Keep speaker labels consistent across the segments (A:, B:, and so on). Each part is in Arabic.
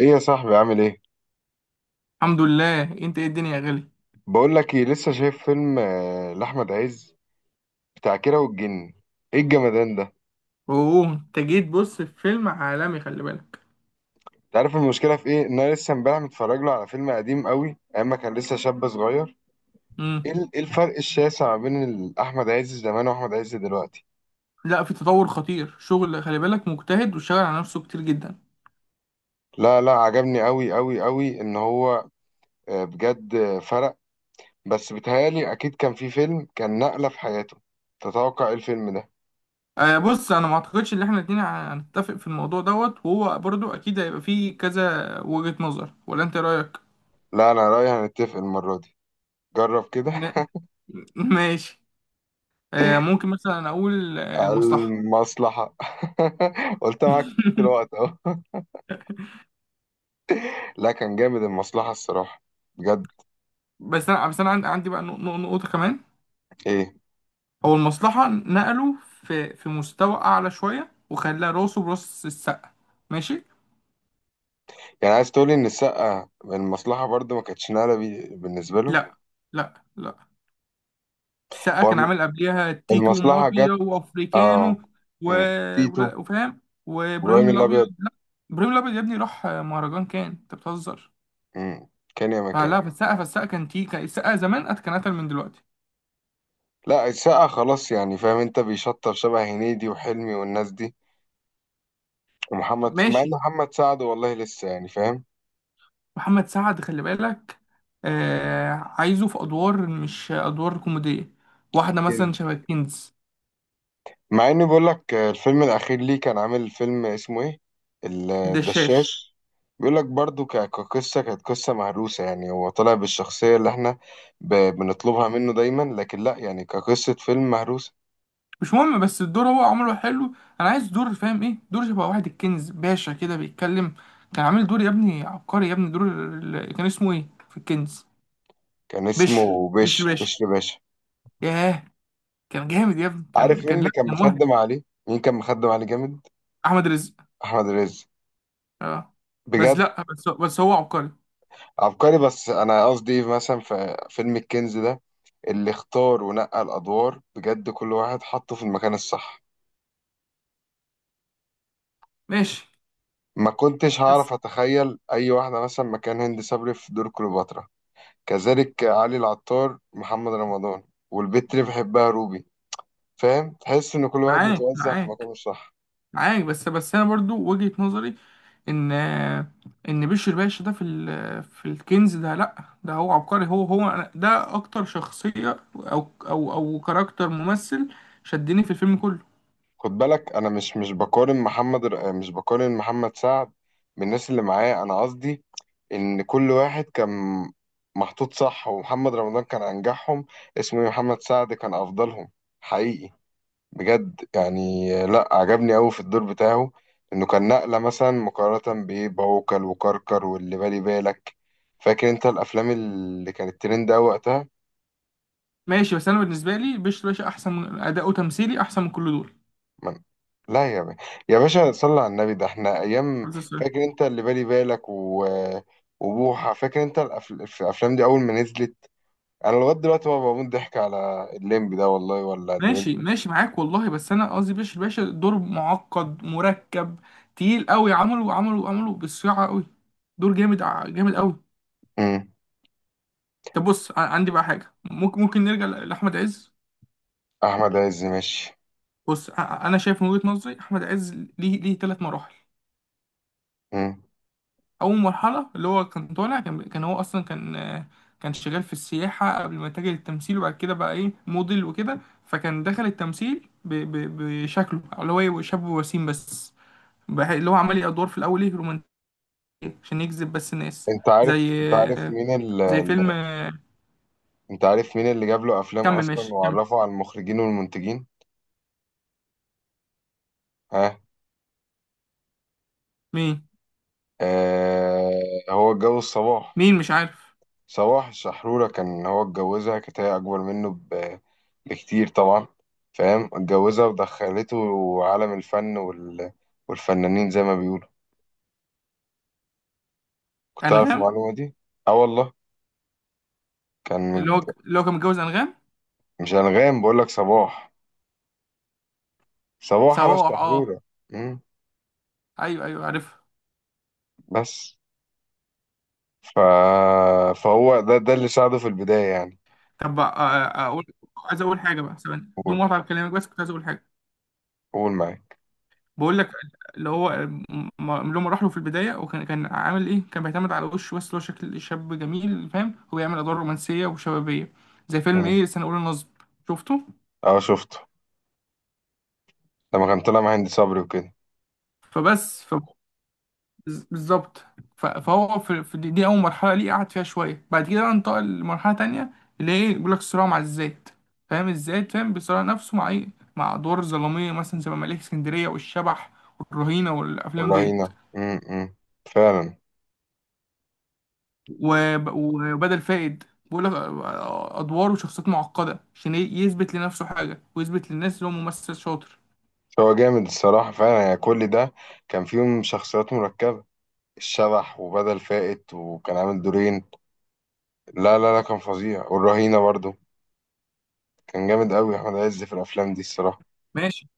A: ايه يا صاحبي، عامل ايه؟
B: الحمد لله، انت ايه الدنيا يا غالي؟
A: بقول لك ايه، لسه شايف فيلم لاحمد عز بتاع كيرة والجن. ايه الجمدان ده؟
B: اوه، انت جيت، بص في فيلم عالمي خلي بالك.
A: انت عارف المشكله في ايه؟ ان انا لسه امبارح متفرج له على فيلم قديم قوي، ايام ما كان لسه شاب صغير.
B: امم.
A: إيه الفرق الشاسع ما بين احمد عز زمان واحمد عز دلوقتي.
B: لا، في تطور خطير، شغل خلي بالك مجتهد وشغال على نفسه كتير جدا.
A: لا لا، عجبني قوي قوي قوي ان هو بجد فرق. بس بيتهيالي اكيد كان في فيلم كان نقله في حياته. تتوقع ايه الفيلم ده؟
B: آه، بص، انا ما اعتقدش ان احنا الاتنين هنتفق في الموضوع دوت، وهو برضو اكيد هيبقى فيه كذا وجهة نظر. ولا انت إيه رايك؟
A: لا، انا رايي هنتفق المره دي. جرب كده.
B: م- ماشي. آه، ممكن مثلا اقول المصلحة.
A: المصلحة. قلت معاك في الوقت اهو. لا، كان جامد المصلحة الصراحة. بجد.
B: بس انا عندي بقى نقطة كمان.
A: ايه؟
B: هو المصلحة نقله في مستوى أعلى شوية وخلاه راسه براس السقا. ماشي؟
A: يعني عايز تقولي ان السقة المصلحة برضو ما كانتش نقلة بالنسبة له.
B: لأ، لأ، لأ. السقا
A: هو
B: كان
A: الم-
B: عامل قبليها تيتو
A: المصلحة
B: ومافيا
A: جت. اه.
B: وأفريكانو، و...
A: مم. تيتو.
B: وفاهم.
A: ابراهيم
B: وإبراهيم الأبيض؟
A: الابيض.
B: لأ. إبراهيم الأبيض يا ابني راح مهرجان، كان أنت بتهزر.
A: مم. كان يا مكان.
B: فالسقا كان السقا زمان كان أتقل من دلوقتي.
A: لا، السقة خلاص، يعني فاهم انت، بيشطب شبه هنيدي وحلمي والناس دي. ومحمد، مع ان
B: ماشي.
A: محمد سعد والله لسه يعني فاهم.
B: محمد سعد خلي بالك. عايزه في أدوار، مش أدوار كوميدية. واحدة مثلا شبه كنز.
A: مع اني بقول لك، الفيلم الاخير ليه كان عامل فيلم اسمه ايه؟
B: دشاش.
A: الدشاش. بيقول لك برضو، كقصه كانت قصه مهروسه، يعني هو طلع بالشخصيه اللي احنا بنطلبها منه دايما، لكن لا يعني كقصه فيلم مهروسه.
B: مش مهم، بس الدور هو عمله حلو. انا عايز دور، فاهم ايه؟ دور شبه واحد الكنز باشا كده بيتكلم. كان عامل دور يا ابني عبقري يا ابني. كان اسمه ايه في الكنز؟
A: كان
B: بشر،
A: اسمه
B: بشر
A: بشر
B: باشا.
A: بشر باشا.
B: ياه. كان جامد يا ابني،
A: عارف
B: كان
A: مين
B: كان لا،
A: اللي كان
B: كان مهد.
A: مخدم عليه؟ مين كان مخدم عليه جامد؟
B: احمد رزق.
A: احمد رزق.
B: اه. بس
A: بجد.
B: لا، بس هو عبقري.
A: عبقري. بس انا قصدي إيه، مثلا في فيلم الكنز ده، اللي اختار ونقى الادوار بجد كل واحد حطه في المكان الصح.
B: ماشي
A: ما كنتش
B: بس.
A: هعرف أتخيل أي واحدة مثلا مكان هند صبري في دور كليوباترا. كذلك علي العطار، محمد رمضان. والبت اللي بحبها روبي. فاهم؟ تحس إن كل واحد
B: معاك،
A: متوزع في
B: معاك.
A: مكانه الصح.
B: معاك، بس انا برضو وجهة نظري. ان ان بشر باشا ده في الكنز ده، لا، ده هو عبقري. هو ده اكتر شخصية، او كاركتر ممثل شدني في الفيلم كله.
A: خد بالك، أنا مش بقارن مش بقارن محمد سعد بالناس اللي معاه. أنا قصدي إن كل واحد كان محطوط صح. ومحمد رمضان كان أنجحهم. اسمه إيه؟ محمد سعد كان أفضلهم. حقيقي. بجد يعني، لا، عجبني قوي في الدور بتاعه، انه كان نقلة مثلا مقارنة بايه؟ بعوكل وكركر واللي بالي بالك. فاكر انت الافلام اللي كانت ترند قوي وقتها؟
B: ماشي، بس انا بالنسبة لي بشر باشا احسن، من اداؤه تمثيلي احسن من كل دول.
A: من... لا يا باشا. يا باشا صلى على النبي، ده احنا ايام.
B: عبد السلام.
A: فاكر انت اللي بالي بالك وبوحة؟ فاكر انت في الافلام دي اول ما نزلت؟ انا لغاية دلوقتي بقى بموت ضحك على الليمبي ده والله، ولا اللي بالي.
B: ماشي، ماشي، معاك والله، بس انا قصدي بشر باشا دور معقد مركب تقيل قوي، عمله بالصياعة قوي. دور جامد، جامد قوي.
A: مم.
B: طب بص، عندي بقى حاجة، ممكن نرجع لأحمد عز.
A: احمد عز ماشي.
B: بص، انا شايف من وجهة نظري احمد عز ليه ثلاث مراحل.
A: مم.
B: اول مرحله اللي هو كان طالع، كان هو اصلا كان، كان شغال في السياحه قبل ما يتجه للتمثيل، وبعد كده بقى ايه، موديل وكده. فكان دخل التمثيل بشكله اللي هو يبقى شاب وسيم بس، اللي هو عمل ادوار في الاول ايه، رومانسيه، عشان يجذب بس الناس.
A: انت عارف
B: زي،
A: انت عارف
B: آه،
A: مين
B: زي فيلم
A: انت عارف مين اللي جاب له افلام
B: كمل
A: اصلا
B: ماشي، كمل.
A: وعرفه على المخرجين والمنتجين. ها.
B: مين
A: آه هو اتجوز صباح.
B: مين مش عارف.
A: صباح الشحرورة، كان هو اتجوزها، كانت هي اكبر منه بكتير طبعا. فاهم؟ اتجوزها ودخلته عالم الفن والفنانين زي ما بيقولوا. كنت عارف
B: انغام.
A: المعلومة دي؟ اه والله. كان
B: اللي هو
A: متج-
B: اللي هو كان متجوز انغام.
A: مش انغام، بقول لك صباح. صباح على
B: صباح، اه.
A: الشحرورة. مم،
B: ايوه، ايوه، عارف.
A: بس. ف... فهو ده اللي ساعده في البداية يعني.
B: طب، اقول، عايز اقول حاجه بقى ثواني بدون
A: قول.
B: مقاطعه كلامك، بس كنت عايز اقول حاجه.
A: قول معايا.
B: بقول لك، اللي هو اللي هو راح له في البدايه، وكان كان عامل ايه، كان بيعتمد على وشه بس، اللي هو شكل شاب جميل فاهم، هو بيعمل ادوار رومانسيه وشبابيه زي فيلم ايه، سنه اولى النصب. شفته؟
A: اه، شفته لما كان طلع مع هند صبري وكده.
B: فبس، بالظبط. فهو في دي اول مرحله ليه قعد فيها شويه. بعد كده بقى انتقل لمرحله تانية، اللي هي بيقول لك صراع مع الذات. فاهم الذات، فاهم بيصارع نفسه مع ايه، مع ادوار الظلاميه مثلا زي مماليك اسكندريه والشبح والرهينه والافلام ديت.
A: والرهينة. فعلا.
B: وبدل فائد. بيقول لك ادوار وشخصيات معقده عشان يثبت لنفسه حاجه ويثبت للناس ان هو ممثل شاطر.
A: هو جامد الصراحة فعلا، يعني كل ده كان فيهم شخصيات مركبة. الشبح وبدل فائت، وكان عامل دورين. لا لا لا، كان فظيع. والرهينة برضو كان جامد قوي. أحمد عز في الأفلام دي الصراحة.
B: ماشي،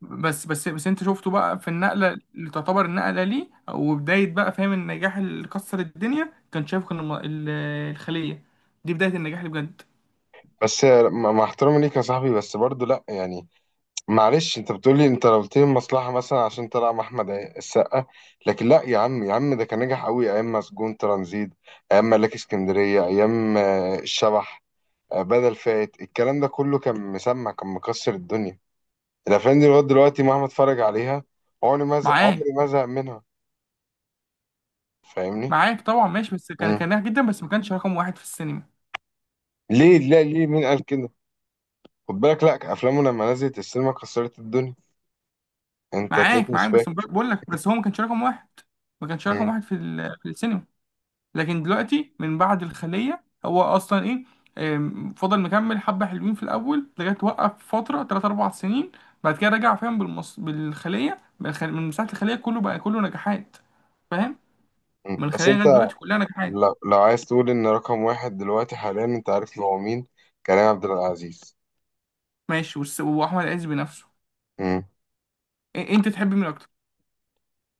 B: بس انت شفته بقى في النقله اللي تعتبر النقله ليه، وبدايه بقى فاهم النجاح اللي كسر الدنيا. كان شايف، كان الخليه دي بدايه النجاح اللي بجد.
A: بس مع احترامي ليك يا صاحبي، بس برضو لا يعني معلش. انت لو قلت لي المصلحه مثلا عشان طلع مع احمد السقا، لكن لا يا عم. يا عم ده كان نجح قوي ايام مسجون ترانزيت، ايام ملاك اسكندريه، ايام الشبح، بدل فات. الكلام ده كله، كان مكسر الدنيا. الافلام دي لغايه دلوقتي مهما اتفرج عليها، عمري ما زهق،
B: معاك،
A: عمري ما زهق منها. فاهمني؟
B: معاك طبعا. ماشي، بس كان
A: مم.
B: كان ناجح جدا بس ما كانش رقم واحد في السينما.
A: لا، ليه؟ مين قال كده؟ خد بالك، لا، افلامه لما نزلت السينما كسرت الدنيا. انت تلاقيك
B: معاك،
A: مش
B: معاك، بس
A: فاكر.
B: بقول لك بس هو ما كانش رقم واحد، ما كانش
A: مم.
B: رقم واحد في السينما. لكن دلوقتي من بعد الخلية هو أصلا إيه، فضل مكمل حبة حلوين في الأول لغاية وقف فترة تلات أربع سنين. بعد كده رجع فاهم بالخلية، من مساحة الخلية كله بقى كله نجاحات، فاهم.
A: مم.
B: من
A: بس
B: الخلية
A: انت
B: لغاية دلوقتي كلها نجاحات.
A: لو عايز تقول ان رقم واحد دلوقتي حاليا، انت عارف ان هو مين؟ كريم عبد العزيز.
B: ماشي، وأحمد عز بنفسه.
A: امم
B: أنت تحب مين أكتر؟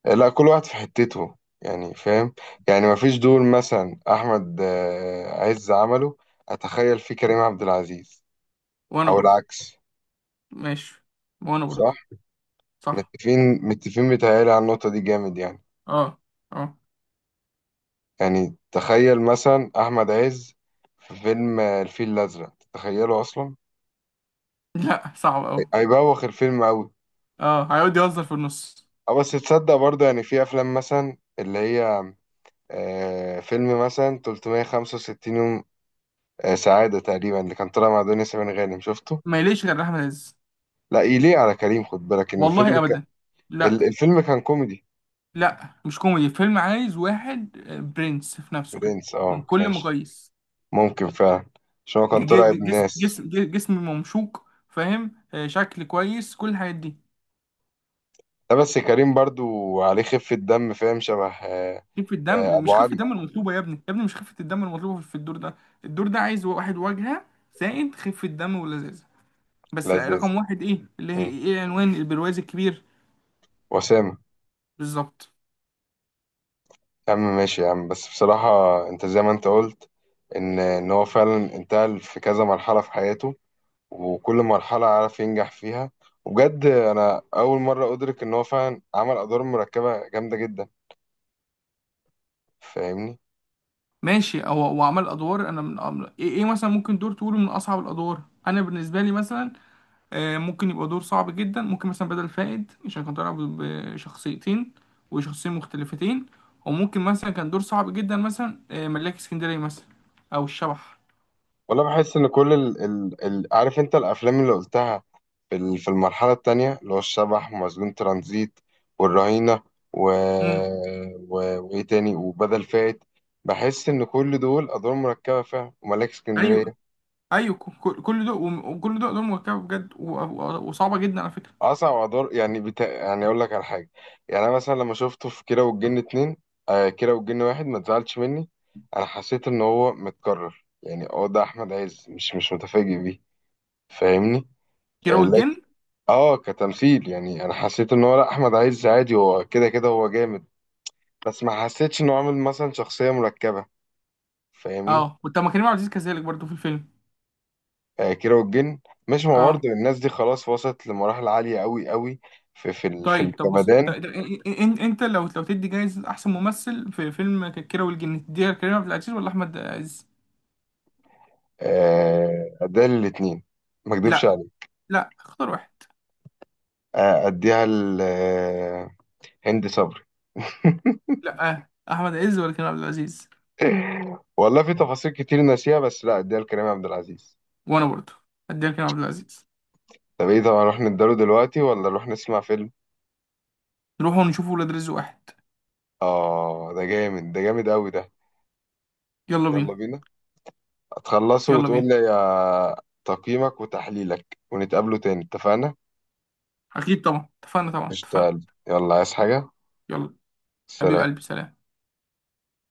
A: لا، كل واحد في حتته يعني، فاهم؟ يعني ما فيش دور مثلا احمد عز عمله اتخيل فيه كريم عبد العزيز،
B: وأنا
A: او
B: برضه.
A: العكس.
B: ماشي، وأنا برضه.
A: صح.
B: صح.
A: متفقين متفقين، بيتهيألي على النقطة دي جامد يعني.
B: أه، أه.
A: يعني تخيل مثلا احمد عز في فيلم الفيل الازرق، تتخيله اصلا؟
B: لا، صعب أوي.
A: هيبوخ الفيلم قوي.
B: أه، هيقعد يهزر في النص.
A: اه، بس تصدق برضه؟ يعني في افلام مثلا اللي هي فيلم مثلا 365 يوم، سعادة تقريبا، اللي كان طالع مع دنيا سمير غانم. شفته؟
B: ما يليش غير أحمد عز.
A: لا يليق على كريم. خد بالك ان الفيلم
B: والله
A: كان،
B: أبدا. لا.
A: الفيلم كان كوميدي.
B: لا، مش كوميدي، فيلم عايز واحد برنس في نفسه كده،
A: برنس
B: من
A: اه،
B: كل
A: ماشي.
B: مقاييس.
A: ممكن فعلا، عشان هو كان طالع ابن
B: جسم
A: ناس.
B: جسم جسم ممشوق فاهم، شكل كويس كل الحاجات دي.
A: لا بس كريم برضو عليه خفة دم فاهم، شبه
B: خفة الدم
A: ابو
B: مش خفة
A: علي.
B: الدم المطلوبة يا ابني، يا ابني مش خفة الدم المطلوبة في الدور ده. الدور ده عايز واحد واجهة، زائد خفة دم ولذاذة، بس لا
A: لذيذ.
B: رقم واحد، ايه اللي هي،
A: مم.
B: ايه عنوان البرواز الكبير.
A: وسام.
B: بالظبط.
A: يا عم ماشي يا عم، بس بصراحة انت زي ما انت قلت، ان ان هو فعلا انتقل في كذا مرحلة في حياته، وكل مرحلة عارف ينجح فيها. وبجد أنا أول مرة أدرك إن هو فعلا عمل أدوار مركبة جامدة جدا. فاهمني؟
B: ماشي، هو عمل ادوار. انا من أمر، ايه؟ مثلا ممكن دور تقوله من اصعب الادوار انا بالنسبة لي مثلا، ممكن يبقى دور صعب جدا. ممكن مثلا بدل فائد عشان كان طالع بشخصيتين، وشخصيتين مختلفتين. وممكن مثلا كان دور صعب جدا مثلا ملاك اسكندرية مثلا، أو الشبح.
A: ولا بحس إن كل عارف أنت الأفلام اللي قلتها في في المرحلة التانية، اللي هو الشبح ومسجون ترانزيت والرهينة، و...
B: امم.
A: وإيه تاني؟ وبدل فائت. بحس إن كل دول أدوار مركبة فعلا، وملاك
B: أيوه،
A: اسكندرية.
B: أيوه، كل دول وكل دول أدوار مركبة بجد، وصعبة جدا على فكرة.
A: اصعب ادوار يعني يعني اقول لك على حاجه. يعني انا مثلا لما شفته في كيرة والجن اتنين، كيرة والجن واحد، ما تزعلش مني، انا حسيت ان هو متكرر يعني. اه، ده احمد عز مش متفاجئ بيه. فاهمني؟ آه
B: كيرة والجن.
A: لكن اه كتمثيل يعني، انا حسيت ان هو، لا، احمد عز عادي، هو كده كده هو جامد. بس ما حسيتش انه عامل مثلا شخصيه مركبه. فاهمني؟
B: أه، وطب ما كريم عبد العزيز كذلك برضه في الفيلم.
A: آه كيرة والجن. مش ما
B: أه.
A: برضه الناس دي خلاص وصلت لمراحل عاليه قوي قوي في
B: طيب، طب، بص،
A: الجمدان.
B: انت لو تدي جايزة احسن ممثل في فيلم كيرة والجن تديها لكريم عبد العزيز ولا احمد عز؟
A: اديها للاتنين، ما اكدبش
B: لا،
A: عليك.
B: لا، اختار واحد.
A: اديها لهند صبري.
B: لا احمد عز ولا كريم عبد العزيز.
A: والله في تفاصيل كتير ناسيها، بس لا، اديها لكريم عبد العزيز.
B: وانا برضه هديها لكريم عبد العزيز.
A: طب ايه؟ طب هنروح نداله دلوقتي ولا نروح نسمع فيلم؟
B: نروح ونشوف ولاد رزق واحد.
A: اه ده جامد، ده جامد قوي ده.
B: يلا
A: يلا
B: بينا.
A: بينا. هتخلصه
B: يلا
A: وتقول
B: بينا.
A: لي تقييمك وتحليلك ونتقابله تاني، اتفقنا؟
B: اكيد طبعا، اتفقنا طبعا، اتفقنا.
A: اشتغل، يلا عايز حاجة؟
B: يلا. حبيب
A: سلام.
B: قلبي، سلام.